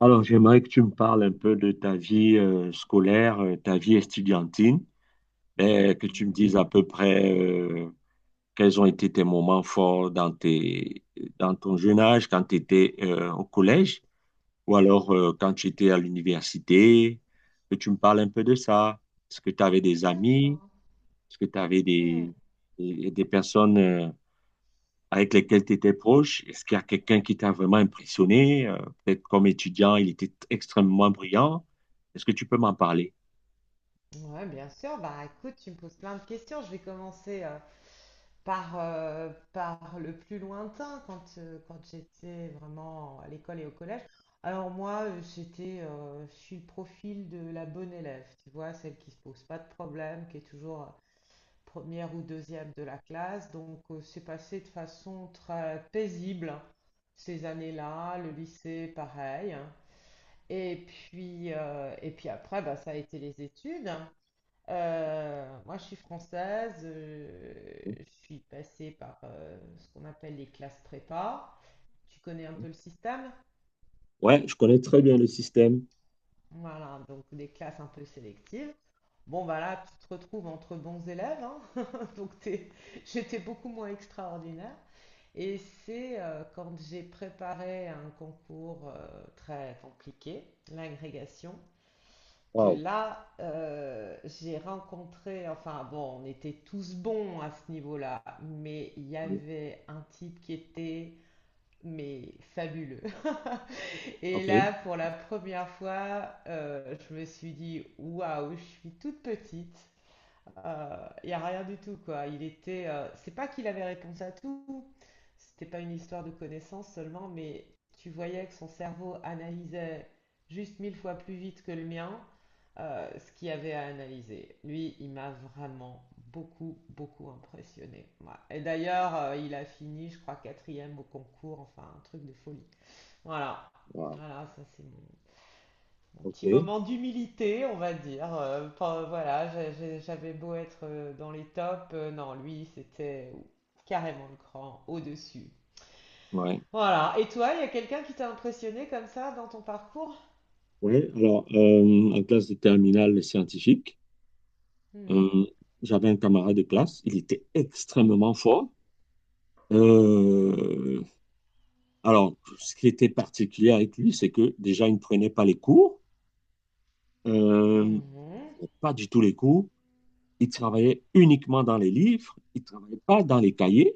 Alors, j'aimerais que tu me parles un peu de ta vie scolaire, ta vie estudiantine, et que tu me Mhm. dises à peu près quels ont été tes moments forts dans ton jeune âge, quand tu étais au collège, ou alors quand tu étais à l'université, que tu me parles un peu de ça. Est-ce que tu avais des amis? D'accord. Est-ce que tu avais Hmm. des personnes avec lesquels tu étais proche? Est-ce qu'il y a quelqu'un qui t'a vraiment impressionné? Peut-être comme étudiant, il était extrêmement brillant. Est-ce que tu peux m'en parler? Ouais, bien sûr. Bah, écoute, tu me poses plein de questions. Je vais commencer par, par le plus lointain, quand, quand j'étais vraiment à l'école et au collège. Alors moi, j'étais, je suis le profil de la bonne élève, tu vois, celle qui se pose pas de problème, qui est toujours première ou deuxième de la classe. Donc, c'est passé de façon très paisible ces années-là, le lycée, pareil, hein. Et puis après, bah, ça a été les études. Moi, je suis française, je suis passée par ce qu'on appelle les classes prépa. Tu connais un peu le système? Ouais, je connais très bien le système. Voilà, donc des classes un peu sélectives. Bon, bah là, tu te retrouves entre bons élèves, hein. donc t'es- J'étais beaucoup moins extraordinaire. Et c'est quand j'ai préparé un concours très compliqué, l'agrégation. Que Wow. là, j'ai rencontré, enfin bon, on était tous bons à ce niveau-là, mais il y Oui. avait un type qui était, mais fabuleux. Et là, OK. pour la première fois, je me suis dit, waouh, je suis toute petite, il n'y a rien du tout, quoi. Il était, c'est pas qu'il avait réponse à tout, c'était pas une histoire de connaissance seulement, mais tu voyais que son cerveau analysait juste mille fois plus vite que le mien, ce qu'il y avait à analyser. Lui, il m'a vraiment beaucoup, beaucoup impressionné. Voilà. Et d'ailleurs, il a fini, je crois, quatrième au concours, enfin, un truc de folie. Voilà. Waouh. Voilà, ça c'est mon, un petit OK. moment d'humilité, on va dire. Voilà, j'avais beau être dans les tops, euh non, lui, c'était carrément le cran au-dessus. Ouais. Voilà. Et toi, il y a quelqu'un qui t'a impressionné comme ça dans ton parcours? Ouais, alors, en classe de terminale les scientifiques, Mhm. euh, j'avais un camarade de classe, il était extrêmement fort. Euh, alors, ce qui était particulier avec lui, c'est que déjà, il ne prenait pas les cours, euh, Mhm. pas du tout les cours. Il travaillait uniquement dans les livres, il ne travaillait pas dans les cahiers.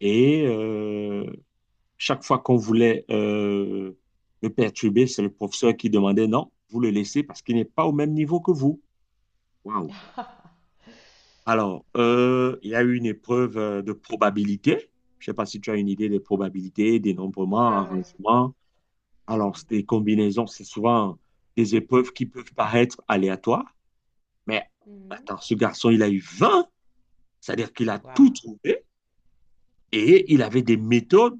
Et chaque fois qu'on voulait le perturber, c'est le professeur qui demandait: non, vous le laissez parce qu'il n'est pas au même niveau que vous. Waouh. Alors, Ouais, il y a eu une épreuve de probabilité. Je ne sais pas si tu as une idée des probabilités, ouais, dénombrement, ouais. arrangement. Alors, Mhm. c'est des combinaisons, c'est souvent des épreuves qui peuvent paraître aléatoires. Mais Mhm. attends, ce garçon, il a eu 20. C'est-à-dire qu'il a tout Waouh. trouvé. Et Mhm. il avait des méthodes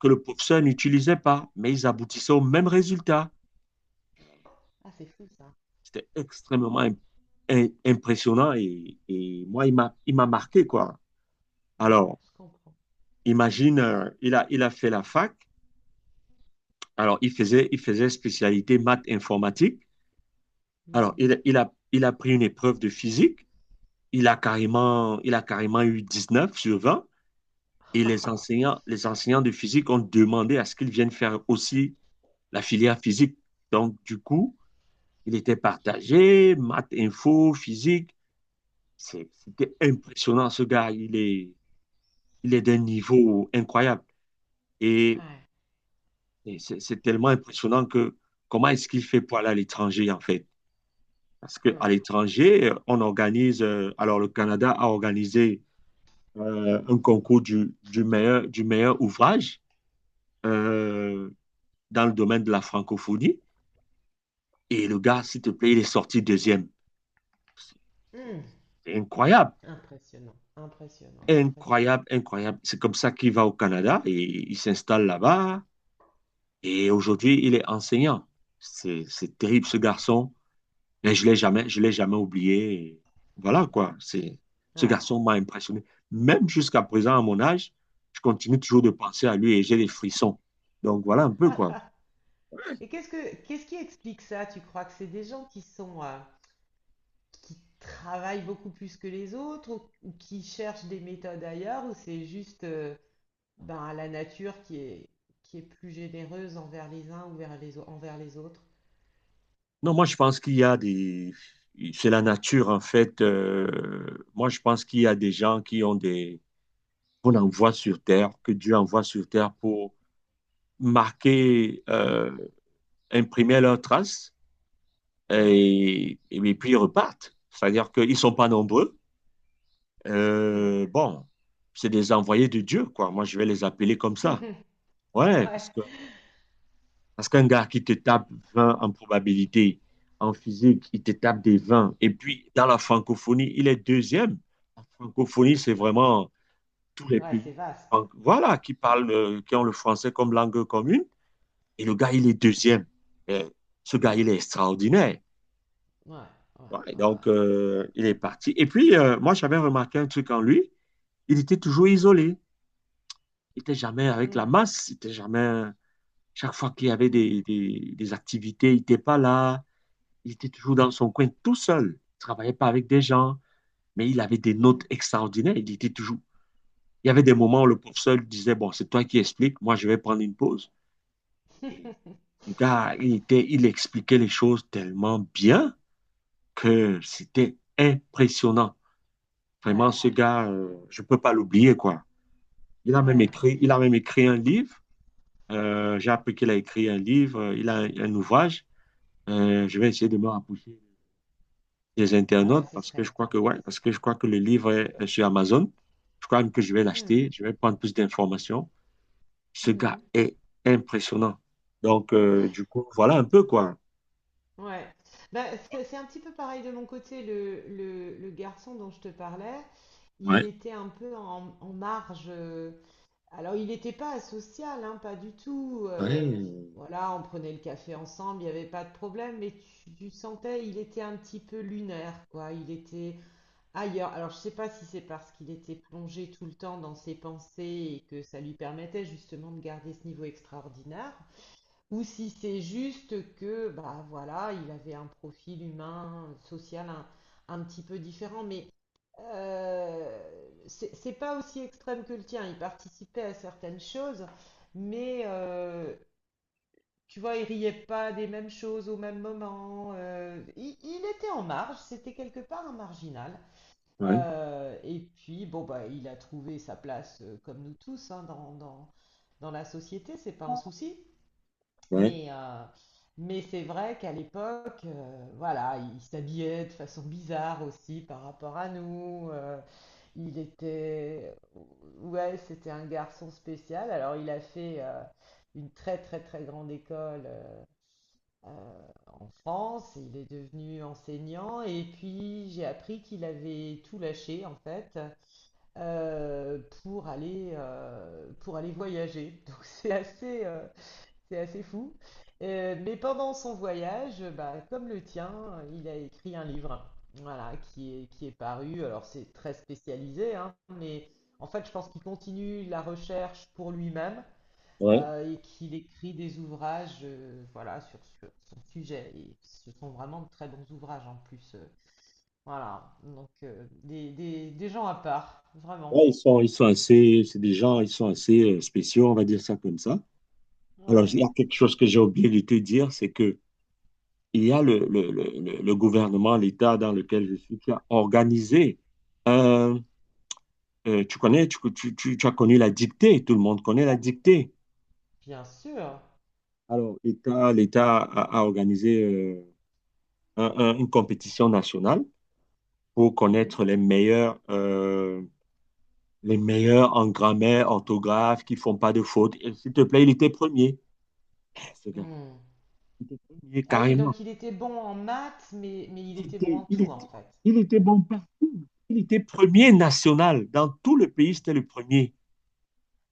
que le professeur n'utilisait pas, mais ils aboutissaient au même résultat. Ah, c'est fou ça. C'était extrêmement impressionnant, et, moi, il m'a marqué, quoi. Ouais, Alors, je comprends. imagine, il a fait la fac. Alors, il faisait spécialité maths informatique. Alors, Mhm. Il a pris une épreuve de physique. Il a carrément eu 19/20. Et les enseignants de physique ont demandé à ce qu'ils viennent faire aussi la filière physique. Donc, du coup, il était partagé, maths, info, physique. C'était impressionnant, ce gars. Il est d'un niveau incroyable. Et, Ouais. et c'est tellement impressionnant que comment est-ce qu'il fait pour aller à l'étranger, en fait? Parce qu'à Mhm. l'étranger, on organise, alors le Canada a organisé un concours du meilleur ouvrage euh, dans le domaine de la francophonie. Et le gars, s'il te plaît, il est sorti deuxième. Mhm. C'est incroyable. Impressionnant, impressionnant, impressionnant. Incroyable, incroyable. C'est comme ça qu'il va au Canada et il s'installe là-bas. Et aujourd'hui, il est enseignant. C'est terrible, ce garçon. Mais je l'ai jamais oublié. Et voilà, quoi. Ce Ouais. garçon m'a impressionné. Même jusqu'à présent, à mon âge, je continue toujours de penser à lui et j'ai des frissons. Donc, voilà un peu, quoi. Et qu'est-ce qui explique ça? Tu crois que c'est des gens qui sont qui travaillent beaucoup plus que les autres ou qui cherchent des méthodes ailleurs ou c'est juste ben, la nature qui est plus généreuse envers les uns ou vers les au- envers les autres? Non, moi, je pense qu'il y a c'est la nature, en fait. Moi, je pense qu'il y a des gens qui ont qu'on envoie sur Terre, que Dieu envoie sur Terre pour marquer, imprimer leurs traces, Ah, et puis ils repartent. C'est-à-dire qu'ils ne sont pas nombreux. hmm. Bon, c'est des envoyés de Dieu, quoi. Moi, je vais les appeler comme ça. Ouais, Ouais, parce qu'un gars qui te tape 20 en probabilité, en physique, il te tape des 20. Et puis, dans la francophonie, il est deuxième. La francophonie, c'est ouais, vraiment tous les ouais, c'est pays. vaste. Donc, voilà, qui parlent, qui ont le français comme langue commune. Et le gars, il est deuxième. Et ce Hmm. gars, il est extraordinaire. Ouais, ouais, Ouais, ouais, ouais, donc, c'est sûr. il est parti. Et puis, moi, j'avais remarqué un truc en lui. Il était toujours isolé. Il n'était jamais avec la Hmm, masse. Il était jamais. Chaque fois qu'il y avait hmm, des activités, il n'était pas là. Il était toujours dans son coin tout seul. Il travaillait pas avec des gens. Mais il avait des hmm. notes extraordinaires. Il était toujours. Il y avait des moments où le professeur lui disait: bon, c'est toi qui expliques. Moi, je vais prendre une pause. Et le gars, il expliquait les choses tellement bien que c'était impressionnant. Vraiment, Ouais, ce gars, je ne peux pas l'oublier, quoi. Ouais. Il a même écrit un livre. J'ai appris qu'il a écrit un livre, il a un ouvrage. Je vais essayer de me rapprocher des Ah ouais, internautes ce parce serait que je crois que intéressant. ouais, parce que je crois que le livre est sur Amazon. Je crois même que je vais Hmm, l'acheter. Je vais prendre plus d'informations. Ce gars hmm. est impressionnant. Donc, Ah, du coup, voilà un peu, quoi. ouais, bah, c'est un petit peu pareil de mon côté. Le garçon dont je te parlais, il Ouais. était un peu en, en marge. Alors, il n'était pas asocial, hein, pas du tout. Ouais, Voilà, on prenait le café ensemble, il n'y avait pas de problème, mais tu sentais, il était un petit peu lunaire, quoi. Il était ailleurs. Alors, je ne sais pas si c'est parce qu'il était plongé tout le temps dans ses pensées et que ça lui permettait justement de garder ce niveau extraordinaire. Ou si c'est juste que, bah voilà, il avait un profil humain, social un petit peu différent, mais c'est pas aussi extrême que le tien. Il participait à certaines choses, mais tu vois, il riait pas des mêmes choses au même moment. Il était en marge, c'était quelque part un marginal. ouais, Et puis, bon, bah, il a trouvé sa place, comme nous tous, hein, dans la société, c'est pas un souci. ouais, Mais, euh, mais c'est vrai qu'à l'époque, voilà, il s'habillait de façon bizarre aussi par rapport à nous. Il était, ouais, c'était un garçon spécial. Alors il a fait une très très très grande école euh, en France. Il est devenu enseignant et puis j'ai appris qu'il avait tout lâché en fait, pour aller voyager. Donc c'est assez fou. Mais pendant son voyage, bah, comme le tien, il a écrit un livre, voilà, qui est paru. Alors c'est très spécialisé, hein, mais en fait, je pense qu'il continue la recherche pour lui-même, ouais. Et qu'il écrit des ouvrages, voilà, sur son sujet. Et ce sont vraiment de très bons ouvrages en plus. Voilà, donc des gens à part, vraiment. Ouais, ils sont assez, c'est des gens, ils sont assez spéciaux, on va dire ça comme ça. Alors, Ouais, il y a quelque chose que j'ai oublié de te dire, c'est que il y a le gouvernement, l'État dans lequel je suis, qui a organisé, euh, tu connais, tu as connu la dictée, tout le monde connaît la dictée. bien sûr. Alors, l'État a organisé une compétition nationale pour Mhm. connaître les meilleurs en grammaire, orthographe, qui font pas de fautes. Et s'il te plaît, il était premier. Eh, ce gars. Hmm. Et Ah oui, carrément. donc il était bon en maths, mais il Il était bon était, en il tout, était, en fait. il était bon partout. Il était premier Hmm, national. Dans tout le pays, c'était le premier.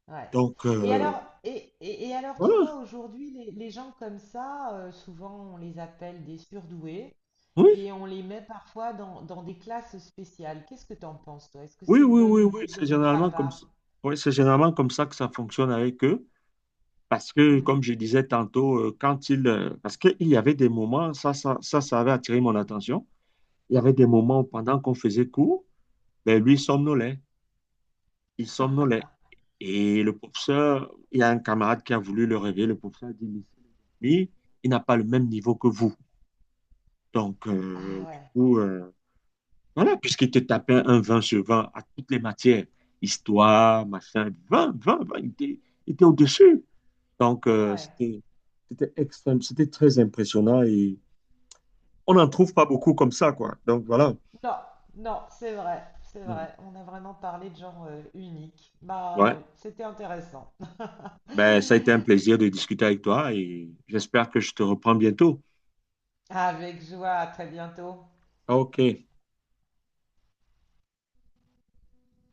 ouais. Donc, Et alors, alors, tu voilà. vois, aujourd'hui, les gens comme ça, souvent, on les appelle des surdoués Oui, et on les met parfois dans des classes spéciales. Qu'est-ce que tu en penses, toi? Est-ce que oui, c'est une oui, bonne oui, oui. idée de C'est les mettre à généralement comme part? ça. Oui, c'est généralement comme ça que ça fonctionne avec eux. Parce que, Hmm. comme je disais tantôt, parce qu'il y avait des moments, ça avait attiré mon attention. Il y avait des moments où, pendant qu'on faisait cours, ben, lui somnolait. Il somnolait. Et le professeur, il y a un camarade qui a voulu le réveiller. Le professeur a dit, mais lui, il n'a pas le même niveau que vous. Donc, Ah du ouais, coup, voilà, puisqu'il te tapait un 20 sur 20 à toutes les matières, histoire, machin, 20, 20, 20, il était au-dessus. Donc, ouais. C'était extrême, c'était très impressionnant et on n'en trouve pas beaucoup comme ça, quoi. Donc, voilà. Non, non, c'est vrai, c'est Mhm. vrai. On a vraiment parlé de genre unique. Bah Ouais, oui, c'était intéressant. ben, ça a été un plaisir de discuter avec toi et j'espère que je te reprends bientôt. Avec joie, à très bientôt. Ok.